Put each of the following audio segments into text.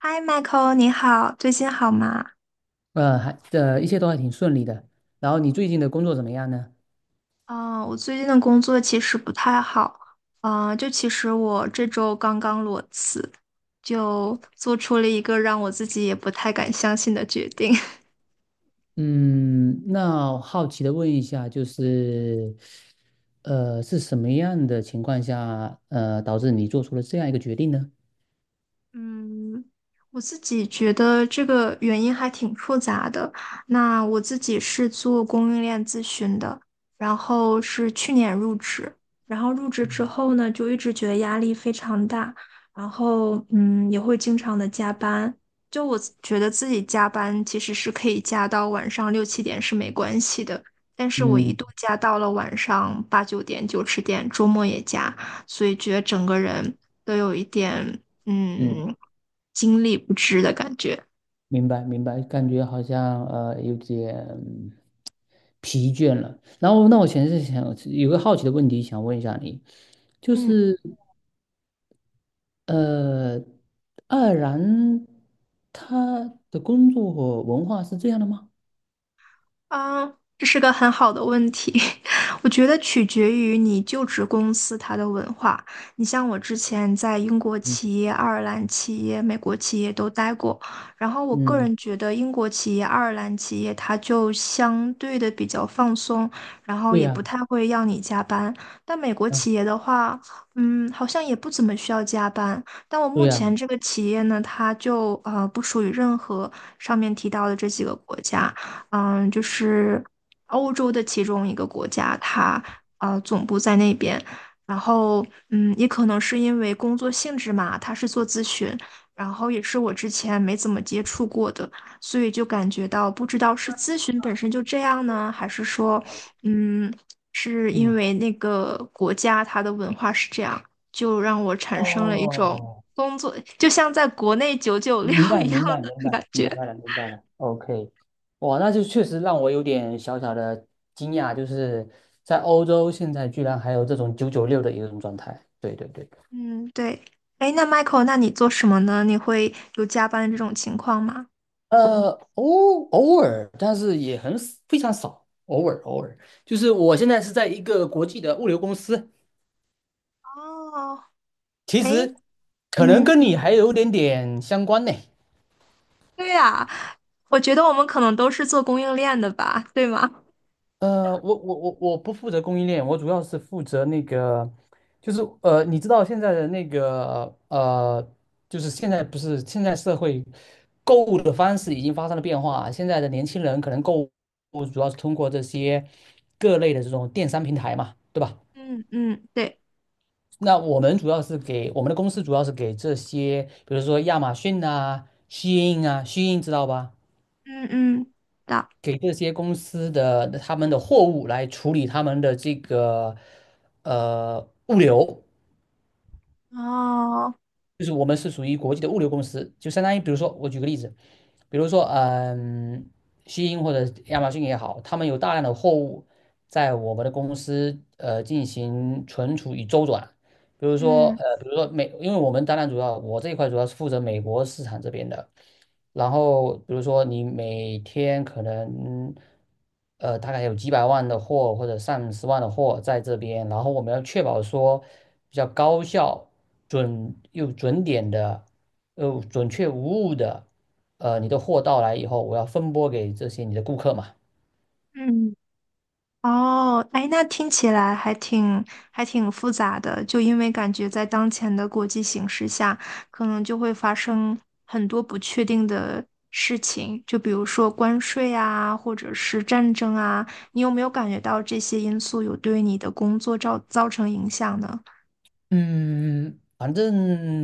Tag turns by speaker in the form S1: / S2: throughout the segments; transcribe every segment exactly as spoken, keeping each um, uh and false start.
S1: 嗨，Michael，你好，最近好吗？
S2: 呃，还呃，一切都还挺顺利的。然后你最近的工作怎么样呢？
S1: 啊，我最近的工作其实不太好，啊，就其实我这周刚刚裸辞，就做出了一个让我自己也不太敢相信的决定。
S2: 嗯，那我好奇的问一下，就是，呃，是什么样的情况下，呃，导致你做出了这样一个决定呢？
S1: 嗯，我自己觉得这个原因还挺复杂的。那我自己是做供应链咨询的，然后是去年入职，然后入职之后呢，就一直觉得压力非常大，然后嗯，也会经常的加班。就我觉得自己加班其实是可以加到晚上六七点是没关系的，但是我一
S2: 嗯
S1: 度加到了晚上八九点、九十点，周末也加。所以觉得整个人都有一点
S2: 嗯，
S1: 嗯，精力不支的感觉。
S2: 明白明白，感觉好像呃有点疲倦了。然后，那我其实是想有个好奇的问题想问一下你，就
S1: 嗯
S2: 是。呃，爱尔兰他的工作和文化是这样的吗？
S1: 嗯，这是个很好的问题，我觉得取决于你就职公司它的文化。你像我之前在英国
S2: 嗯
S1: 企业、爱尔兰企业、美国企业都待过，然后我个
S2: 嗯，
S1: 人觉得英国企业、爱尔兰企业它就相对的比较放松，然后
S2: 对
S1: 也
S2: 呀，
S1: 不太会要你加班。但美国
S2: 嗯，
S1: 企业的话，嗯，好像也不怎么需要加班。但我
S2: 对
S1: 目
S2: 呀，
S1: 前这个企业呢，它就呃不属于任何上面提到的这几个国家。嗯，就是欧洲的其中一个国家，它呃总部在那边。然后，嗯，也可能是因为工作性质嘛，他是做咨询，然后也是我之前没怎么接触过的，所以就感觉到不知道是咨询本身就这样呢，还是说，嗯，是因
S2: 嗯，
S1: 为那个国家它的文化是这样，就让我产生了一种
S2: 哦，
S1: 工作，就像在国内九九六
S2: 明白，
S1: 一样
S2: 明白，明
S1: 的
S2: 白，
S1: 感
S2: 明
S1: 觉。
S2: 白了，明白了。OK，哇，那就确实让我有点小小的惊讶，就是在欧洲现在居然还有这种九九六的一种状态。对对对，
S1: 嗯，对。哎，那 Michael，那你做什么呢？你会有加班的这种情况吗？
S2: 呃，偶偶尔，但是也很 s- 非常少，偶尔偶尔。就是我现在是在一个国际的物流公司，
S1: 哦，
S2: 其
S1: 哎，
S2: 实可能
S1: 嗯，
S2: 跟你还有点点相关呢。
S1: 对呀，我觉得我们可能都是做供应链的吧，对吗？
S2: 呃，我我我我不负责供应链，我主要是负责那个，就是呃，你知道现在的那个呃，就是现在不是现在社会购物的方式已经发生了变化，现在的年轻人可能购物主要是通过这些各类的这种电商平台嘛，对吧？
S1: 嗯嗯，对，
S2: 那我们主要是给我们的公司主要是给这些，比如说亚马逊啊、虚印啊，虚印知道吧？
S1: 嗯嗯，的，
S2: 给这些公司的他们的货物来处理他们的这个呃物流，
S1: 哦，
S2: 就是我们是属于国际的物流公司，就相当于比如说我举个例子，比如说嗯，西英或者亚马逊也好，他们有大量的货物在我们的公司呃进行存储与周转。比如说，
S1: 嗯
S2: 呃，比如说美，因为我们当然主要，我这一块主要是负责美国市场这边的，然后比如说你每天可能，呃，大概有几百万的货或者上十万的货在这边，然后我们要确保说比较高效、准又准点的，又准确无误的，呃，你的货到来以后，我要分拨给这些你的顾客嘛。
S1: 嗯。哦，哎，那听起来还挺还挺复杂的，就因为感觉在当前的国际形势下，可能就会发生很多不确定的事情，就比如说关税啊，或者是战争啊，你有没有感觉到这些因素有对你的工作造造成影响呢？
S2: 嗯，反正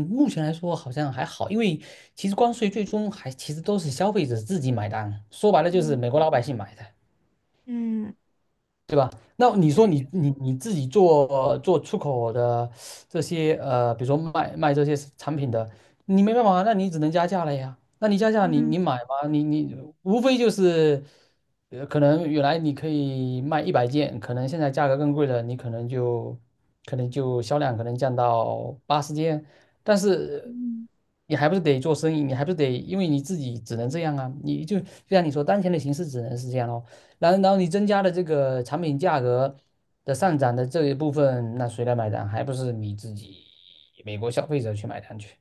S2: 目前来说好像还好，因为其实关税最终还其实都是消费者自己买单，说白了就是美
S1: 嗯
S2: 国老百姓买的。
S1: 嗯，
S2: 对吧？那你说
S1: 对，
S2: 你你你自己做做出口的这些呃，比如说卖卖这些产品的，你没办法，那你只能加价了呀。那你加价你，
S1: 嗯，
S2: 你买吗？你你无非就是，呃，可能原来你可以卖一百件，可能现在价格更贵了，你可能就可能就销量可能降到八十件，但是你还不是得做生意，你还不是得，因为你自己只能这样啊。你就就像你说，当前的形势只能是这样咯。然然后你增加的这个产品价格的上涨的这一部分，那谁来买单？还不是你自己美国消费者去买单去？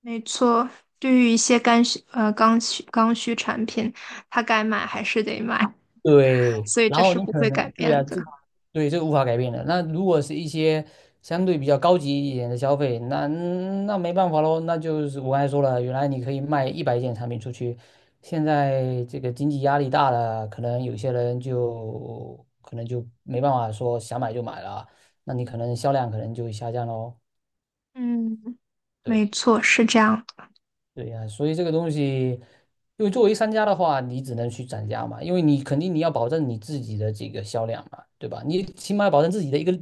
S1: 没错，对于一些刚需呃刚需刚需产品，它该买还是得买，
S2: 对，
S1: 所以
S2: 然
S1: 这
S2: 后
S1: 是
S2: 你
S1: 不
S2: 可
S1: 会改
S2: 能对
S1: 变
S2: 呀、
S1: 的。
S2: 这对这个无法改变的。那如果是一些相对比较高级一点的消费，那那没办法喽，那就是我刚才说了，原来你可以卖一百件产品出去，现在这个经济压力大了，可能有些人就可能就没办法说想买就买了。那你可能销量可能就下降喽。
S1: 嗯。没
S2: 对
S1: 错，是这样的。
S2: 对呀，所以这个东西，因为作为商家的话，你只能去涨价嘛，因为你肯定你要保证你自己的这个销量嘛，对吧？你起码要保证自己的一个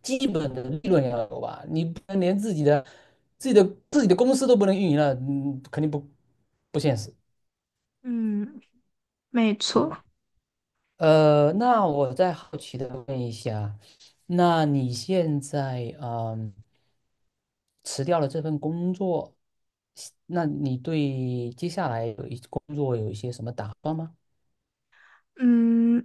S2: 基本的利润要有吧，你不能连自己的自己的自己的公司都不能运营了，嗯，肯定不不现实。
S1: 嗯，没
S2: 对，
S1: 错。
S2: 呃，那我再好奇的问一下，那你现在嗯辞掉了这份工作，那你对接下来有一工作有一些什么打算吗？
S1: 嗯，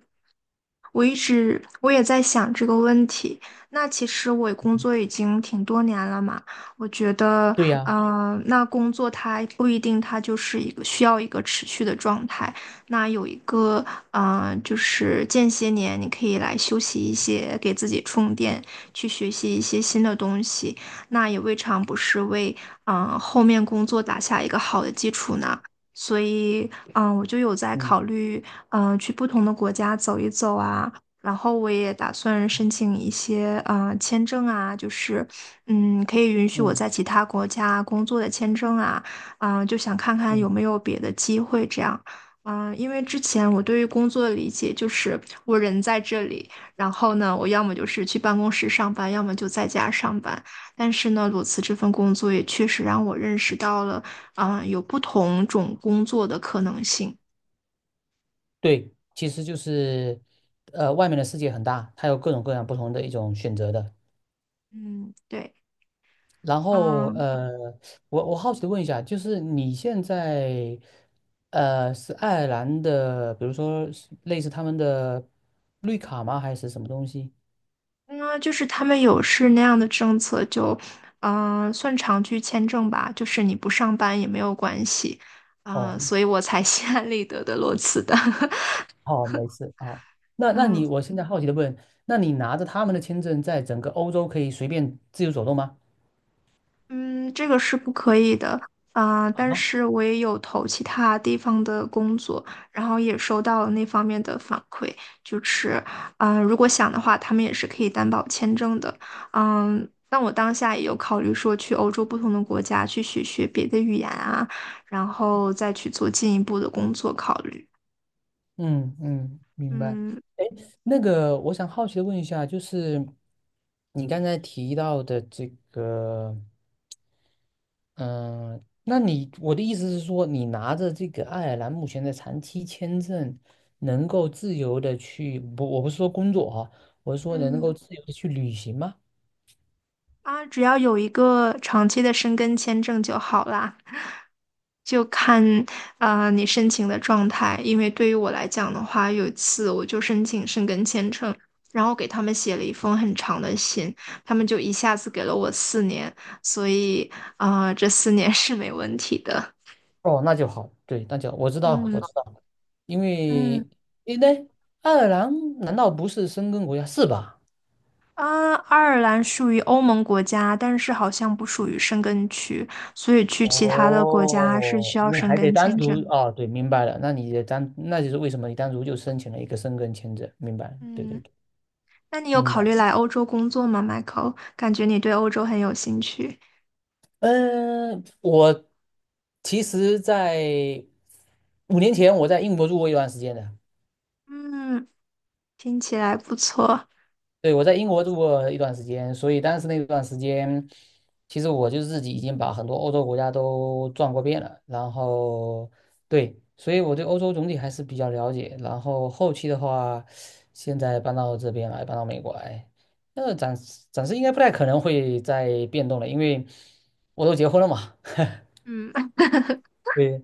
S1: 我一直我也在想这个问题。那其实我工作已经挺多年了嘛，我觉得，
S2: 对呀。
S1: 嗯、那工作它不一定它就是一个需要一个持续的状态。那有一个，嗯、就是间歇年，你可以来休息一些，给自己充电，去学习一些新的东西，那也未尝不是为，嗯、后面工作打下一个好的基础呢。所以，嗯，我就有在
S2: 嗯
S1: 考虑，嗯，去不同的国家走一走啊。然后我也打算申请一些呃签证啊，就是嗯，可以允许我
S2: 嗯
S1: 在其他国家工作的签证啊，嗯、就想看看有
S2: 嗯
S1: 没有别的机会这样。嗯、因为之前我对于工作的理解就是我人在这里，然后呢，我要么就是去办公室上班，要么就在家上班。但是呢，裸辞这份工作也确实让我认识到了，嗯、有不同种工作的可能性。
S2: 对，其实就是，呃，外面的世界很大，它有各种各样不同的一种选择的。
S1: 嗯，对。
S2: 然后，
S1: 嗯，
S2: 呃，我我好奇的问一下，就是你现在，呃，是爱尔兰的，比如说是类似他们的绿卡吗？还是什么东西？
S1: 那就是他们有是那样的政策，就嗯呃算长居签证吧，就是你不上班也没有关系啊，
S2: 哦，
S1: 所以我才 心安理得的裸辞的。
S2: 好，没事啊。好那 那
S1: 嗯。
S2: 你，我现在好奇的问，那你拿着他们的签证，在整个欧洲可以随便自由走动吗？
S1: 嗯，这个是不可以的，啊，但
S2: 啊？
S1: 是我也有投其他地方的工作，然后也收到了那方面的反馈，就是，嗯、如果想的话，他们也是可以担保签证的，嗯，但我当下也有考虑说去欧洲不同的国家去学学别的语言啊，然后再去做进一步的工作考虑，
S2: 嗯嗯，明白。
S1: 嗯
S2: 哎，那个，我想好奇的问一下，就是你刚才提到的这个，嗯、那你我的意思是说，你拿着这个爱尔兰目前的长期签证，能够自由的去，不，我不是说工作哈、我是说能够
S1: 嗯。
S2: 自由的去旅行吗？
S1: 啊，只要有一个长期的申根签证就好啦，就看啊，呃你申请的状态。因为对于我来讲的话，有一次我就申请申根签证，然后给他们写了一封很长的信，他们就一下子给了我四年，所以啊，呃这四年 是没问题的。
S2: 哦，那就好，对，那就我知道，
S1: 嗯
S2: 我知道，因
S1: 嗯。
S2: 为因为爱尔兰难道不是申根国家是吧？
S1: 啊，爱尔兰属于欧盟国家，但是好像不属于申根区，所以去其他的国家是需
S2: 哦，
S1: 要
S2: 你
S1: 申
S2: 还得
S1: 根
S2: 单
S1: 签
S2: 独
S1: 证。
S2: 哦，对，明白了。那你的单，那就是为什么你单独就申请了一个申根签证，明白了对对
S1: 嗯。
S2: 对，
S1: 那你有
S2: 明
S1: 考
S2: 白
S1: 虑
S2: 了。
S1: 来欧洲工作吗，Michael？感觉你对欧洲很有兴趣。
S2: 嗯，我其实在五年前我在英国住过一段时间的，
S1: 嗯，听起来不错。
S2: 对，我在英国住过一段时间，所以当时那段时间，其实我就自己已经把很多欧洲国家都转过遍了。然后，对，所以我对欧洲总体还是比较了解。然后后期的话，现在搬到这边来，搬到美国来，那暂时暂时应该不太可能会再变动了，因为我都结婚了嘛
S1: 嗯
S2: 对，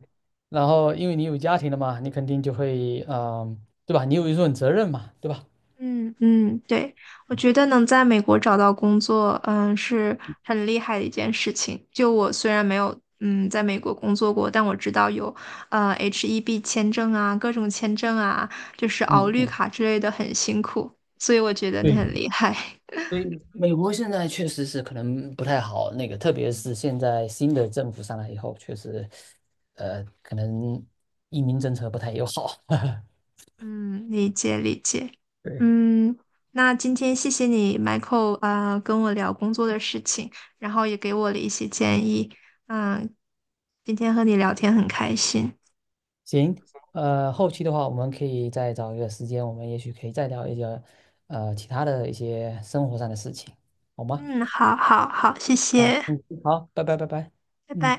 S2: 然后因为你有家庭了嘛，你肯定就会，嗯、对吧？你有一份责任嘛，对吧？
S1: 嗯嗯，对，我觉得能在美国找到工作，嗯，是很厉害的一件事情。就我虽然没有嗯在美国工作过，但我知道有呃 H 一 B 签证啊，各种签证啊，就是熬
S2: 嗯
S1: 绿
S2: 嗯。
S1: 卡之类的很辛苦，所以我觉得你
S2: 对。
S1: 很厉害。
S2: 所以美国现在确实是可能不太好，那个特别是现在新的政府上来以后，确实，呃，可能移民政策不太友好。
S1: 嗯，理解理解。
S2: 对，
S1: 嗯，那今天谢谢你，Michael 啊，呃跟我聊工作的事情，然后也给我了一些建议。嗯，今天和你聊天很开心。
S2: 行，呃，后期的话，我们可以再找一个时间，我们也许可以再聊一些，呃，其他的一些生活上的事情，好吗？
S1: 嗯，好好好，谢
S2: 啊，
S1: 谢，
S2: 嗯，好，拜拜，拜拜，
S1: 拜拜。
S2: 嗯。